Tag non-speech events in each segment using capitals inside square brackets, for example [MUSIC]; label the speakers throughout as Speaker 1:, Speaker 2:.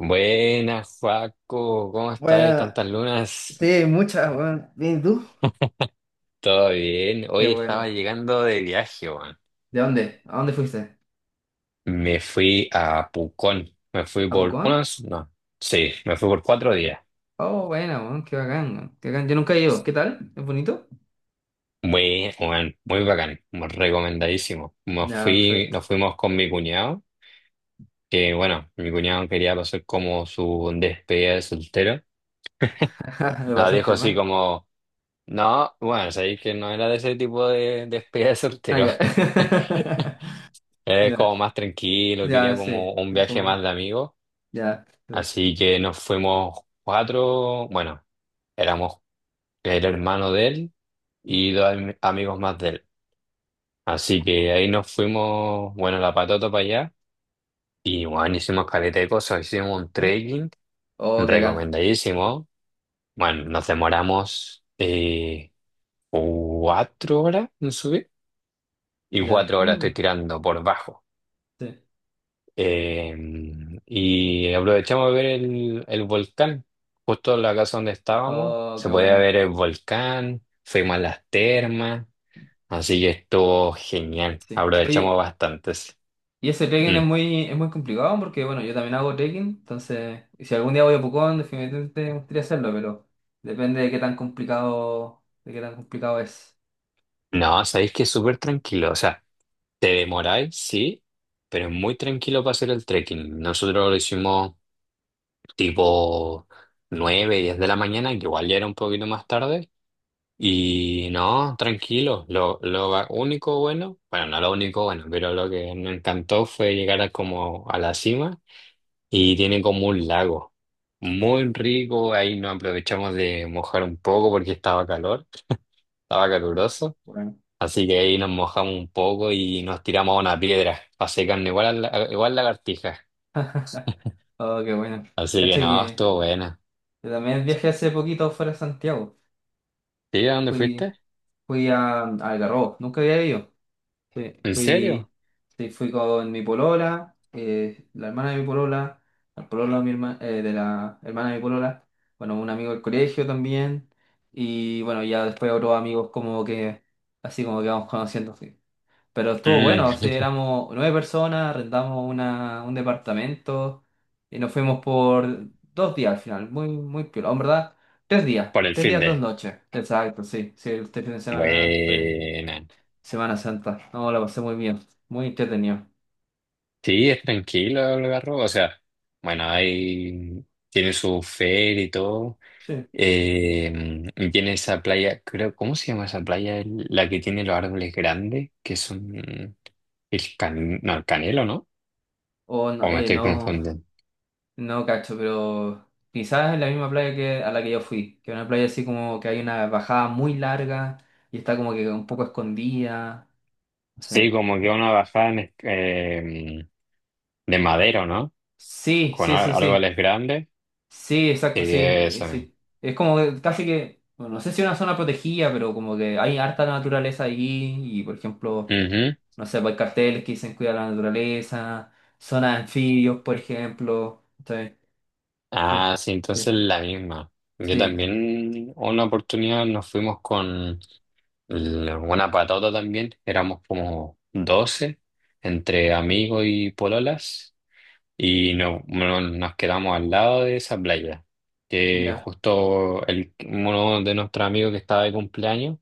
Speaker 1: Buenas, Joaco, ¿cómo estás?
Speaker 2: Bueno,
Speaker 1: Tantas lunas.
Speaker 2: sí, muchas, bueno. Bien, ¿y tú?
Speaker 1: ¿Todo bien?
Speaker 2: Qué
Speaker 1: Hoy
Speaker 2: bueno.
Speaker 1: estaba llegando de viaje, weón.
Speaker 2: ¿De dónde? ¿A dónde fuiste?
Speaker 1: Me fui a Pucón. Me fui
Speaker 2: ¿A
Speaker 1: por
Speaker 2: Pucón?
Speaker 1: unos, no, sí, me fui por 4 días.
Speaker 2: Oh, bueno, bueno, qué bacán, bueno, qué bacán. Yo nunca he ido. ¿Qué tal? ¿Es bonito?
Speaker 1: Muy, weón, muy bacán, muy recomendadísimo. Me
Speaker 2: Ya,
Speaker 1: fui,
Speaker 2: perfecto.
Speaker 1: nos fuimos con mi cuñado, que bueno, mi cuñado quería pasar como su despedida de soltero.
Speaker 2: [LAUGHS] Lo
Speaker 1: Nos dijo
Speaker 2: pasaste
Speaker 1: así
Speaker 2: mal.
Speaker 1: como, no, bueno, sabéis que no era de ese tipo de despedida de
Speaker 2: Ah,
Speaker 1: soltero.
Speaker 2: ya. [LAUGHS]
Speaker 1: [LAUGHS] Es
Speaker 2: Ya,
Speaker 1: como más tranquilo,
Speaker 2: ya,
Speaker 1: quería como
Speaker 2: sí.
Speaker 1: un viaje
Speaker 2: Como,
Speaker 1: más de amigos.
Speaker 2: ya.
Speaker 1: Así que nos fuimos cuatro, bueno, éramos el hermano de él y dos amigos más de él. Así que ahí nos fuimos, bueno, a la patota para allá. Y bueno, hicimos caleta de cosas, hicimos un
Speaker 2: ¿Eh?
Speaker 1: trekking
Speaker 2: Oh, qué bacán.
Speaker 1: recomendadísimo. Bueno, nos demoramos 4 horas en subir y
Speaker 2: Ya.
Speaker 1: cuatro
Speaker 2: No,
Speaker 1: horas estoy
Speaker 2: ya,
Speaker 1: tirando por bajo.
Speaker 2: sí.
Speaker 1: Eh, y aprovechamos de ver el volcán, justo en la casa donde estábamos,
Speaker 2: Oh,
Speaker 1: se
Speaker 2: qué
Speaker 1: podía
Speaker 2: bueno.
Speaker 1: ver el volcán, fuimos a las termas, así que estuvo genial,
Speaker 2: Sí.
Speaker 1: aprovechamos
Speaker 2: Oye,
Speaker 1: bastantes.
Speaker 2: y ese trekking es
Speaker 1: Mm.
Speaker 2: muy, es muy complicado porque, bueno, yo también hago trekking, entonces, y si algún día voy a Pucón, definitivamente me gustaría hacerlo, pero depende de qué tan complicado es.
Speaker 1: No, sabéis que es súper tranquilo, o sea, te demoráis, sí, pero es muy tranquilo para hacer el trekking. Nosotros lo hicimos tipo 9 10 de la mañana, que igual ya era un poquito más tarde. Y no, tranquilo. Lo único bueno, bueno, no lo único bueno, pero lo que me encantó fue llegar a como a la cima y tiene como un lago muy rico. Ahí nos aprovechamos de mojar un poco porque estaba calor, estaba caluroso.
Speaker 2: Bueno.
Speaker 1: Así que ahí nos mojamos un poco y nos tiramos a una piedra para secarnos igual, igual lagartija.
Speaker 2: [LAUGHS] Oh, qué bueno.
Speaker 1: Así que
Speaker 2: Cacha
Speaker 1: no,
Speaker 2: que
Speaker 1: estuvo buena.
Speaker 2: yo también viajé hace poquito fuera de Santiago.
Speaker 1: ¿Sí? ¿A dónde
Speaker 2: Fui,
Speaker 1: fuiste?
Speaker 2: fui a Algarrobo, nunca había ido. Sí,
Speaker 1: ¿En serio?
Speaker 2: fui, sí, fui con mi polola, la hermana de mi polola, el pololo de de la hermana de mi polola, bueno, un amigo del colegio también, y bueno, ya después otros amigos como que, así como que vamos [LAUGHS] conociendo, sí. Pero estuvo
Speaker 1: Mm.
Speaker 2: bueno, o sea,
Speaker 1: [LAUGHS]
Speaker 2: éramos nueve personas, rentamos un departamento, y nos fuimos por 2 días al final, muy, muy piola, en verdad, 3 días,
Speaker 1: Por el
Speaker 2: tres
Speaker 1: fin
Speaker 2: días, dos
Speaker 1: de...
Speaker 2: noches, exacto, sí, sí, este fin de semana, sí.
Speaker 1: Buena.
Speaker 2: Semana Santa. No, la pasé muy bien. Muy entretenido.
Speaker 1: Sí, es tranquilo el Algarrobo, o sea, bueno, ahí tiene su feria y todo.
Speaker 2: Sí.
Speaker 1: Eh, y tiene esa playa, creo, ¿cómo se llama esa playa? La que tiene los árboles grandes, que son el can, no, el canelo, ¿no?
Speaker 2: O
Speaker 1: O
Speaker 2: no,
Speaker 1: me estoy
Speaker 2: no,
Speaker 1: confundiendo.
Speaker 2: no cacho, pero quizás en la misma playa que a la que yo fui, que es una playa así como que hay una bajada muy larga y está como que un poco escondida. No sé,
Speaker 1: Sí, como que
Speaker 2: pero.
Speaker 1: una bajada en de madero, ¿no?
Speaker 2: Sí,
Speaker 1: Con
Speaker 2: sí, sí, sí.
Speaker 1: árboles grandes.
Speaker 2: Sí,
Speaker 1: Sí,
Speaker 2: exacto, sí,
Speaker 1: eso mismo.
Speaker 2: sí. Es como que casi que, bueno, no sé si es una zona protegida, pero como que hay harta naturaleza allí y, por ejemplo,
Speaker 1: Ujú.
Speaker 2: no sé, pues, hay carteles que dicen cuidar la naturaleza, zonas de anfibios, por ejemplo. ¿Cachai? Sí,
Speaker 1: Ah, sí,
Speaker 2: sí,
Speaker 1: entonces la misma. Yo
Speaker 2: sí,
Speaker 1: también, una oportunidad nos fuimos con la buena patata también, éramos como 12 entre amigos y pololas y no, nos quedamos al lado de esa playa, que
Speaker 2: ya.
Speaker 1: justo el, uno de nuestros amigos que estaba de cumpleaños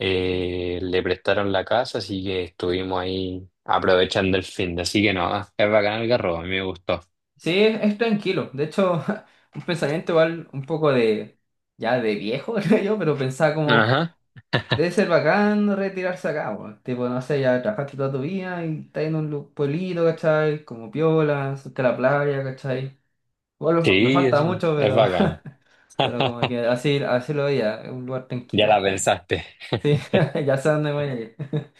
Speaker 1: le prestaron la casa, así que estuvimos ahí aprovechando el fin de, así que no, es bacán el carro, a mí me gustó.
Speaker 2: Sí, es tranquilo. De hecho, [LAUGHS] un pensamiento igual un poco de, ya de viejo, [LAUGHS] creo yo, pero pensaba como.
Speaker 1: Ajá,
Speaker 2: Debe ser bacán retirarse acá, weón. Tipo, no sé, ya trabajaste toda tu vida y estás en un pueblito, ¿cachai? Como piola, cerca de la playa, ¿cachai? Igual me
Speaker 1: sí,
Speaker 2: falta
Speaker 1: es,
Speaker 2: mucho,
Speaker 1: es
Speaker 2: pero,
Speaker 1: bacán.
Speaker 2: [LAUGHS] pero como que
Speaker 1: [LAUGHS]
Speaker 2: así, así lo veía, es un lugar
Speaker 1: Ya la
Speaker 2: tranquilo, creo.
Speaker 1: pensaste.
Speaker 2: Sí,
Speaker 1: [LAUGHS]
Speaker 2: [LAUGHS] ya sé dónde voy a ir. [LAUGHS]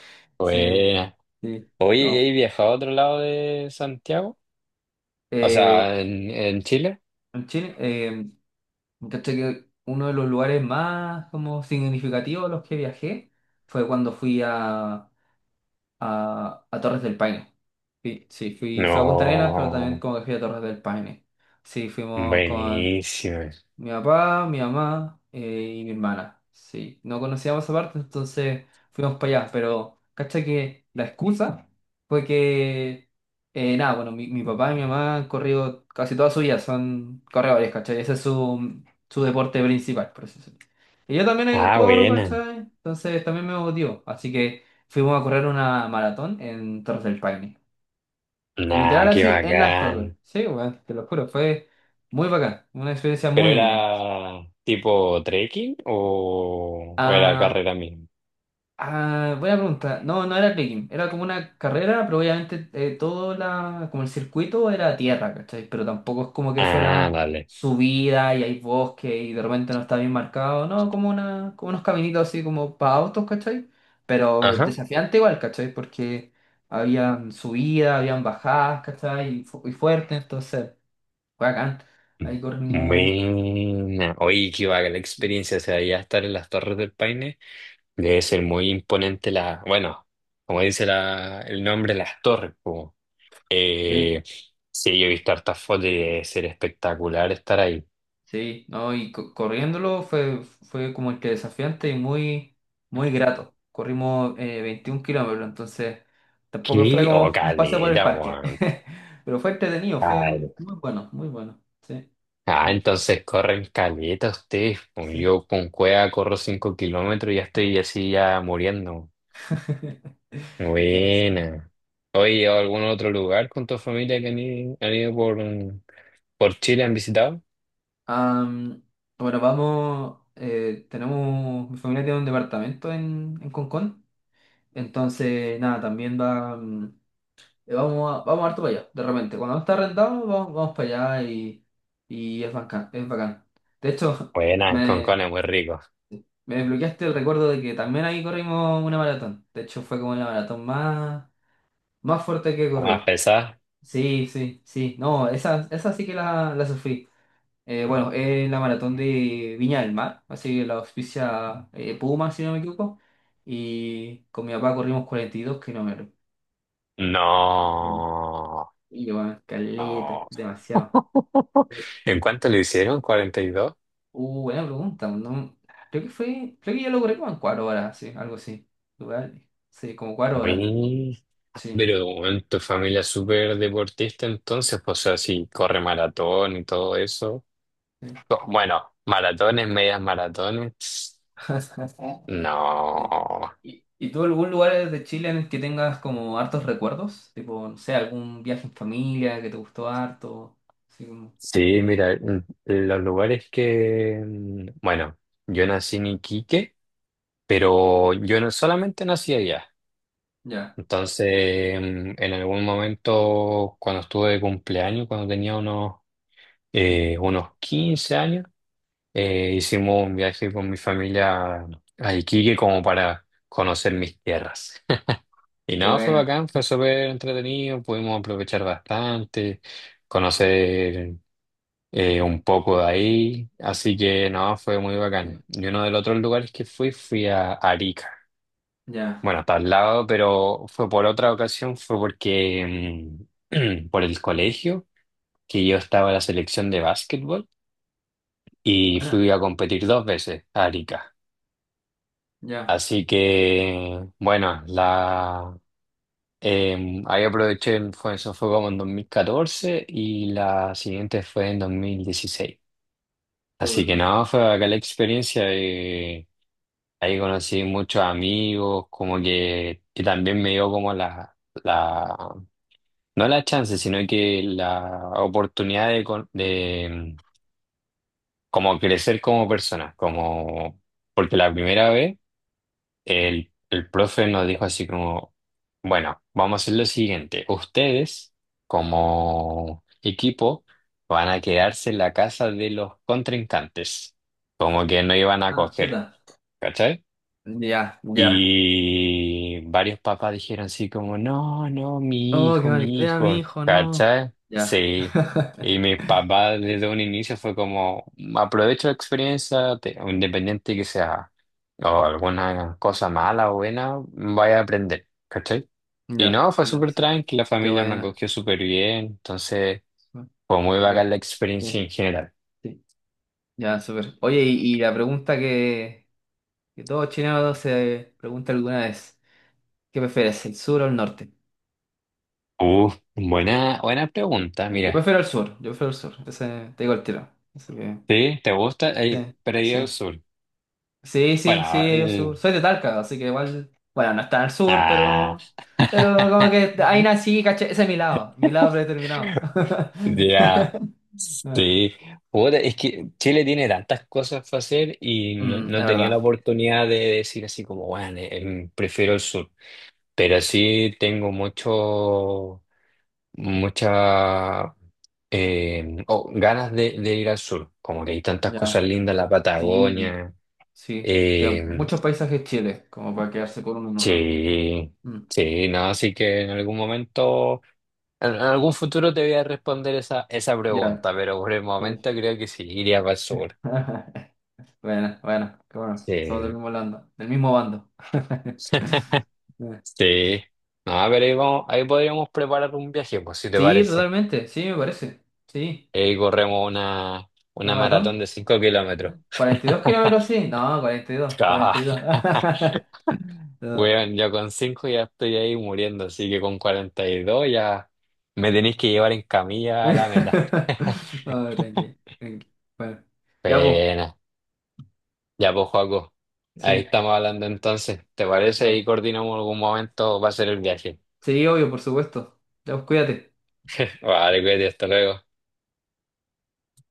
Speaker 2: Sí,
Speaker 1: Buena.
Speaker 2: sí,
Speaker 1: Oye,
Speaker 2: no.
Speaker 1: ¿y has viajado a otro lado de Santiago? O
Speaker 2: Eh,
Speaker 1: sea, en Chile.
Speaker 2: en Chile, ¿cachai? Que uno de los lugares más como significativos a los que viajé fue cuando fui a Torres del Paine. Sí, sí, fui a Punta Arenas, pero también
Speaker 1: No,
Speaker 2: como que fui a Torres del Paine. Sí, fuimos con
Speaker 1: buenísimo.
Speaker 2: mi papá, mi mamá y mi hermana. Sí, no conocíamos esa parte, entonces fuimos para allá. Pero, cacha que la excusa fue que, nada, bueno, mi papá y mi mamá han corrido casi toda su vida, son corredores, ¿cachai? Ese es su deporte principal, por así decirlo. Y yo también
Speaker 1: Ah,
Speaker 2: corro,
Speaker 1: buena.
Speaker 2: ¿cachai? Entonces también me motivó. Así que fuimos a correr una maratón en Torres del Paine. Literal
Speaker 1: Nah, qué
Speaker 2: así en las torres.
Speaker 1: bacán.
Speaker 2: Sí, weón, te lo juro, fue muy bacán, una experiencia
Speaker 1: ¿Pero
Speaker 2: muy
Speaker 1: era
Speaker 2: única.
Speaker 1: tipo trekking o era
Speaker 2: Ah,
Speaker 1: carrera misma?
Speaker 2: ah, buena pregunta. No, no era trekking, era como una carrera, pero obviamente como el circuito era tierra, ¿cachai? Pero tampoco es como que
Speaker 1: Ah,
Speaker 2: fuera
Speaker 1: vale.
Speaker 2: subida y hay bosque y de repente no está bien marcado, no, como unos caminitos así como para autos, ¿cachai? Pero
Speaker 1: Ajá.
Speaker 2: desafiante igual, ¿cachai? Porque habían subidas, habían bajadas, ¿cachai? Y fuerte, entonces. Bacán. Ahí corrimos.
Speaker 1: Buena. Oye, qué bacán la experiencia. O sea, ya estar en las Torres del Paine debe ser muy imponente la... Bueno, como dice la, el nombre, las torres. Como.
Speaker 2: Sí,
Speaker 1: Eh, sí, yo he visto hartas fotos y debe ser espectacular estar ahí.
Speaker 2: sí, no, y corriéndolo fue como que desafiante y muy, muy grato. Corrimos 21 kilómetros, entonces tampoco fue
Speaker 1: ¿Qué? Oh,
Speaker 2: como un paseo por el
Speaker 1: caleta,
Speaker 2: parque.
Speaker 1: weón.
Speaker 2: [LAUGHS] Pero fue entretenido, fue muy,
Speaker 1: Cal-
Speaker 2: muy bueno, muy bueno. Sí.
Speaker 1: Ah,
Speaker 2: Mm,
Speaker 1: entonces corren caleta ustedes, pues.
Speaker 2: sí.
Speaker 1: Yo con cueva corro 5 kilómetros y ya estoy así ya muriendo.
Speaker 2: [LAUGHS] No, sí.
Speaker 1: Buena. Oye, ¿a algún otro lugar con tu familia que han ido, han ido por Chile, han visitado?
Speaker 2: Am, bueno, vamos. Tenemos. Mi familia tiene un departamento en Concón. Entonces, nada, también va. Vamos harto para allá, de repente. Cuando no está rentado, vamos, vamos para allá y es bacán, es bacán. De hecho, [LAUGHS]
Speaker 1: Buena, en
Speaker 2: me,
Speaker 1: Concón es muy rico.
Speaker 2: me desbloqueaste el recuerdo de que también ahí corrimos una maratón. De hecho, fue como la maratón más, más fuerte que he
Speaker 1: ¿La más
Speaker 2: corrido.
Speaker 1: pesada?
Speaker 2: Sí, sí, sí. No, esa sí que la sufrí. Bueno, es la maratón de Viña del Mar, así que la auspicia Puma, si no me equivoco. Y con mi papá corrimos 42 kilómetros. Sí.
Speaker 1: No.
Speaker 2: Y bueno, caleta,
Speaker 1: No.
Speaker 2: demasiado.
Speaker 1: [LAUGHS] ¿En cuánto lo hicieron? 42.
Speaker 2: Buena pregunta. Creo que yo lo corrí como en 4 horas, sí, algo así. Igual, sí, como 4 horas,
Speaker 1: Muy.
Speaker 2: sí,
Speaker 1: Pero bueno, tu familia es súper deportista entonces, pues, o sea, si corre maratón y todo eso.
Speaker 2: sí.
Speaker 1: Co- bueno, maratones, medias maratones. Tss.
Speaker 2: [LAUGHS] Sí.
Speaker 1: No.
Speaker 2: ¿Y tú algún lugar de Chile en el que tengas como hartos recuerdos? Tipo, no sé, algún viaje en familia que te gustó harto. Así como,
Speaker 1: Sí, mira, los lugares que... Bueno, yo nací en Iquique, pero yo no solamente nací allá.
Speaker 2: ya,
Speaker 1: Entonces, en algún momento, cuando estuve de cumpleaños, cuando tenía unos 15 años, hicimos un viaje con mi familia a Iquique como para conocer mis tierras. [LAUGHS] Y
Speaker 2: qué
Speaker 1: nada, fue
Speaker 2: buena.
Speaker 1: bacán, fue súper entretenido, pudimos aprovechar bastante, conocer un poco de ahí, así que no, fue muy
Speaker 2: Sí,
Speaker 1: bacán. Y uno de los otros lugares que fui, fui a Arica.
Speaker 2: ya,
Speaker 1: Bueno, está al lado, pero fue por otra ocasión, fue porque [CLEARS THROAT] por el colegio, que yo estaba en la selección de básquetbol y
Speaker 2: buena,
Speaker 1: fui a competir dos veces a Arica.
Speaker 2: ya,
Speaker 1: Así que, bueno, la, ahí aproveché, fue, eso fue como en 2014 y la siguiente fue en 2016. Así
Speaker 2: todo
Speaker 1: que nada,
Speaker 2: perfecto.
Speaker 1: fue acá la experiencia. Ahí conocí muchos amigos, como que también me dio como la, no la chance, sino que la oportunidad de, como crecer como persona, como, porque la primera vez... El profe nos dijo así como, bueno, vamos a hacer lo siguiente. Ustedes, como equipo, van a quedarse en la casa de los contrincantes. Como que no iban a
Speaker 2: Ah, chuta.
Speaker 1: coger, ¿cachai?
Speaker 2: Ya, ya.
Speaker 1: Y varios papás dijeron así como, no, no,
Speaker 2: Oh, qué mala
Speaker 1: mi
Speaker 2: idea, mi
Speaker 1: hijo,
Speaker 2: hijo, no.
Speaker 1: ¿cachai?
Speaker 2: Ya,
Speaker 1: Sí.
Speaker 2: [LAUGHS]
Speaker 1: Y mi papá desde un inicio fue como, aprovecho la experiencia, te- independiente que sea o alguna cosa mala o buena, vaya a aprender, ¿cachai? Y
Speaker 2: ya,
Speaker 1: no, fue
Speaker 2: ya,
Speaker 1: súper
Speaker 2: sí.
Speaker 1: tranquila, la
Speaker 2: Qué
Speaker 1: familia me
Speaker 2: buena.
Speaker 1: acogió súper bien, entonces
Speaker 2: Súper.
Speaker 1: fue muy
Speaker 2: Súper.
Speaker 1: bacán la
Speaker 2: Sí,
Speaker 1: experiencia en general.
Speaker 2: sí. Ya, súper. Oye, y la pregunta que todo chileno se pregunta alguna vez, ¿qué prefieres, el sur o el norte?
Speaker 1: Buena, buena pregunta,
Speaker 2: Sí. Yo
Speaker 1: mira.
Speaker 2: prefiero el sur, yo prefiero el sur, ese, te digo el tiro. Así que,
Speaker 1: ¿Sí? ¿Te gusta?
Speaker 2: sí,
Speaker 1: Pero yo al
Speaker 2: sí.
Speaker 1: sur.
Speaker 2: Sí, sí,
Speaker 1: Bueno,
Speaker 2: sí, yo sur. Soy de Talca, así que igual, bueno, no está al sur,
Speaker 1: ah,
Speaker 2: pero como
Speaker 1: [LAUGHS]
Speaker 2: que ahí nací, caché, ese es mi lado predeterminado.
Speaker 1: ya,
Speaker 2: [LAUGHS]
Speaker 1: sí. Puta, es que Chile tiene tantas cosas para hacer y no,
Speaker 2: Mm, es
Speaker 1: no he tenido la
Speaker 2: verdad,
Speaker 1: oportunidad de decir así como, bueno, prefiero el sur. Pero sí tengo mucho, mucha oh, ganas de ir al sur. Como que hay tantas cosas
Speaker 2: ya.
Speaker 1: lindas, la
Speaker 2: Sí.
Speaker 1: Patagonia.
Speaker 2: Sí, tiene
Speaker 1: eh,
Speaker 2: muchos paisajes Chile, como para quedarse con uno nomás.
Speaker 1: sí,
Speaker 2: Mm,
Speaker 1: sí, no, así que en algún momento. En algún futuro te voy a responder esa
Speaker 2: ya.
Speaker 1: pregunta, pero por el
Speaker 2: Sí.
Speaker 1: momento creo que sí, iría para el sur.
Speaker 2: [LAUGHS] Bueno, bueno, qué bueno.
Speaker 1: Sí.
Speaker 2: Somos del mismo bando, del mismo bando. [LAUGHS]
Speaker 1: [LAUGHS] Sí. No, pero ahí, vamos- ahí podríamos preparar un viaje, pues, si te
Speaker 2: Sí,
Speaker 1: parece.
Speaker 2: totalmente, sí, me parece. Sí,
Speaker 1: Ahí corremos una,
Speaker 2: una
Speaker 1: una maratón
Speaker 2: maratón.
Speaker 1: de 5 kilómetros.
Speaker 2: 42 kilómetros,
Speaker 1: [LAUGHS]
Speaker 2: sí. No, 42,
Speaker 1: Ah,
Speaker 2: 42. [LAUGHS] No.
Speaker 1: weón, yo con 5 ya estoy ahí muriendo, así que con 42 ya me tenéis que llevar en camilla a la meta.
Speaker 2: [LAUGHS]
Speaker 1: [LAUGHS]
Speaker 2: No, tranqui, tranqui. Bueno, ya, pues,
Speaker 1: Pena. Ya, pues, Joaco, ahí
Speaker 2: sí,
Speaker 1: estamos hablando entonces. ¿Te
Speaker 2: ya,
Speaker 1: parece? Y
Speaker 2: po.
Speaker 1: coordinamos algún momento, va a ser el viaje.
Speaker 2: Sí, obvio, por supuesto. Ya, pues, cuídate.
Speaker 1: [LAUGHS] Vale, cuídate, hasta luego.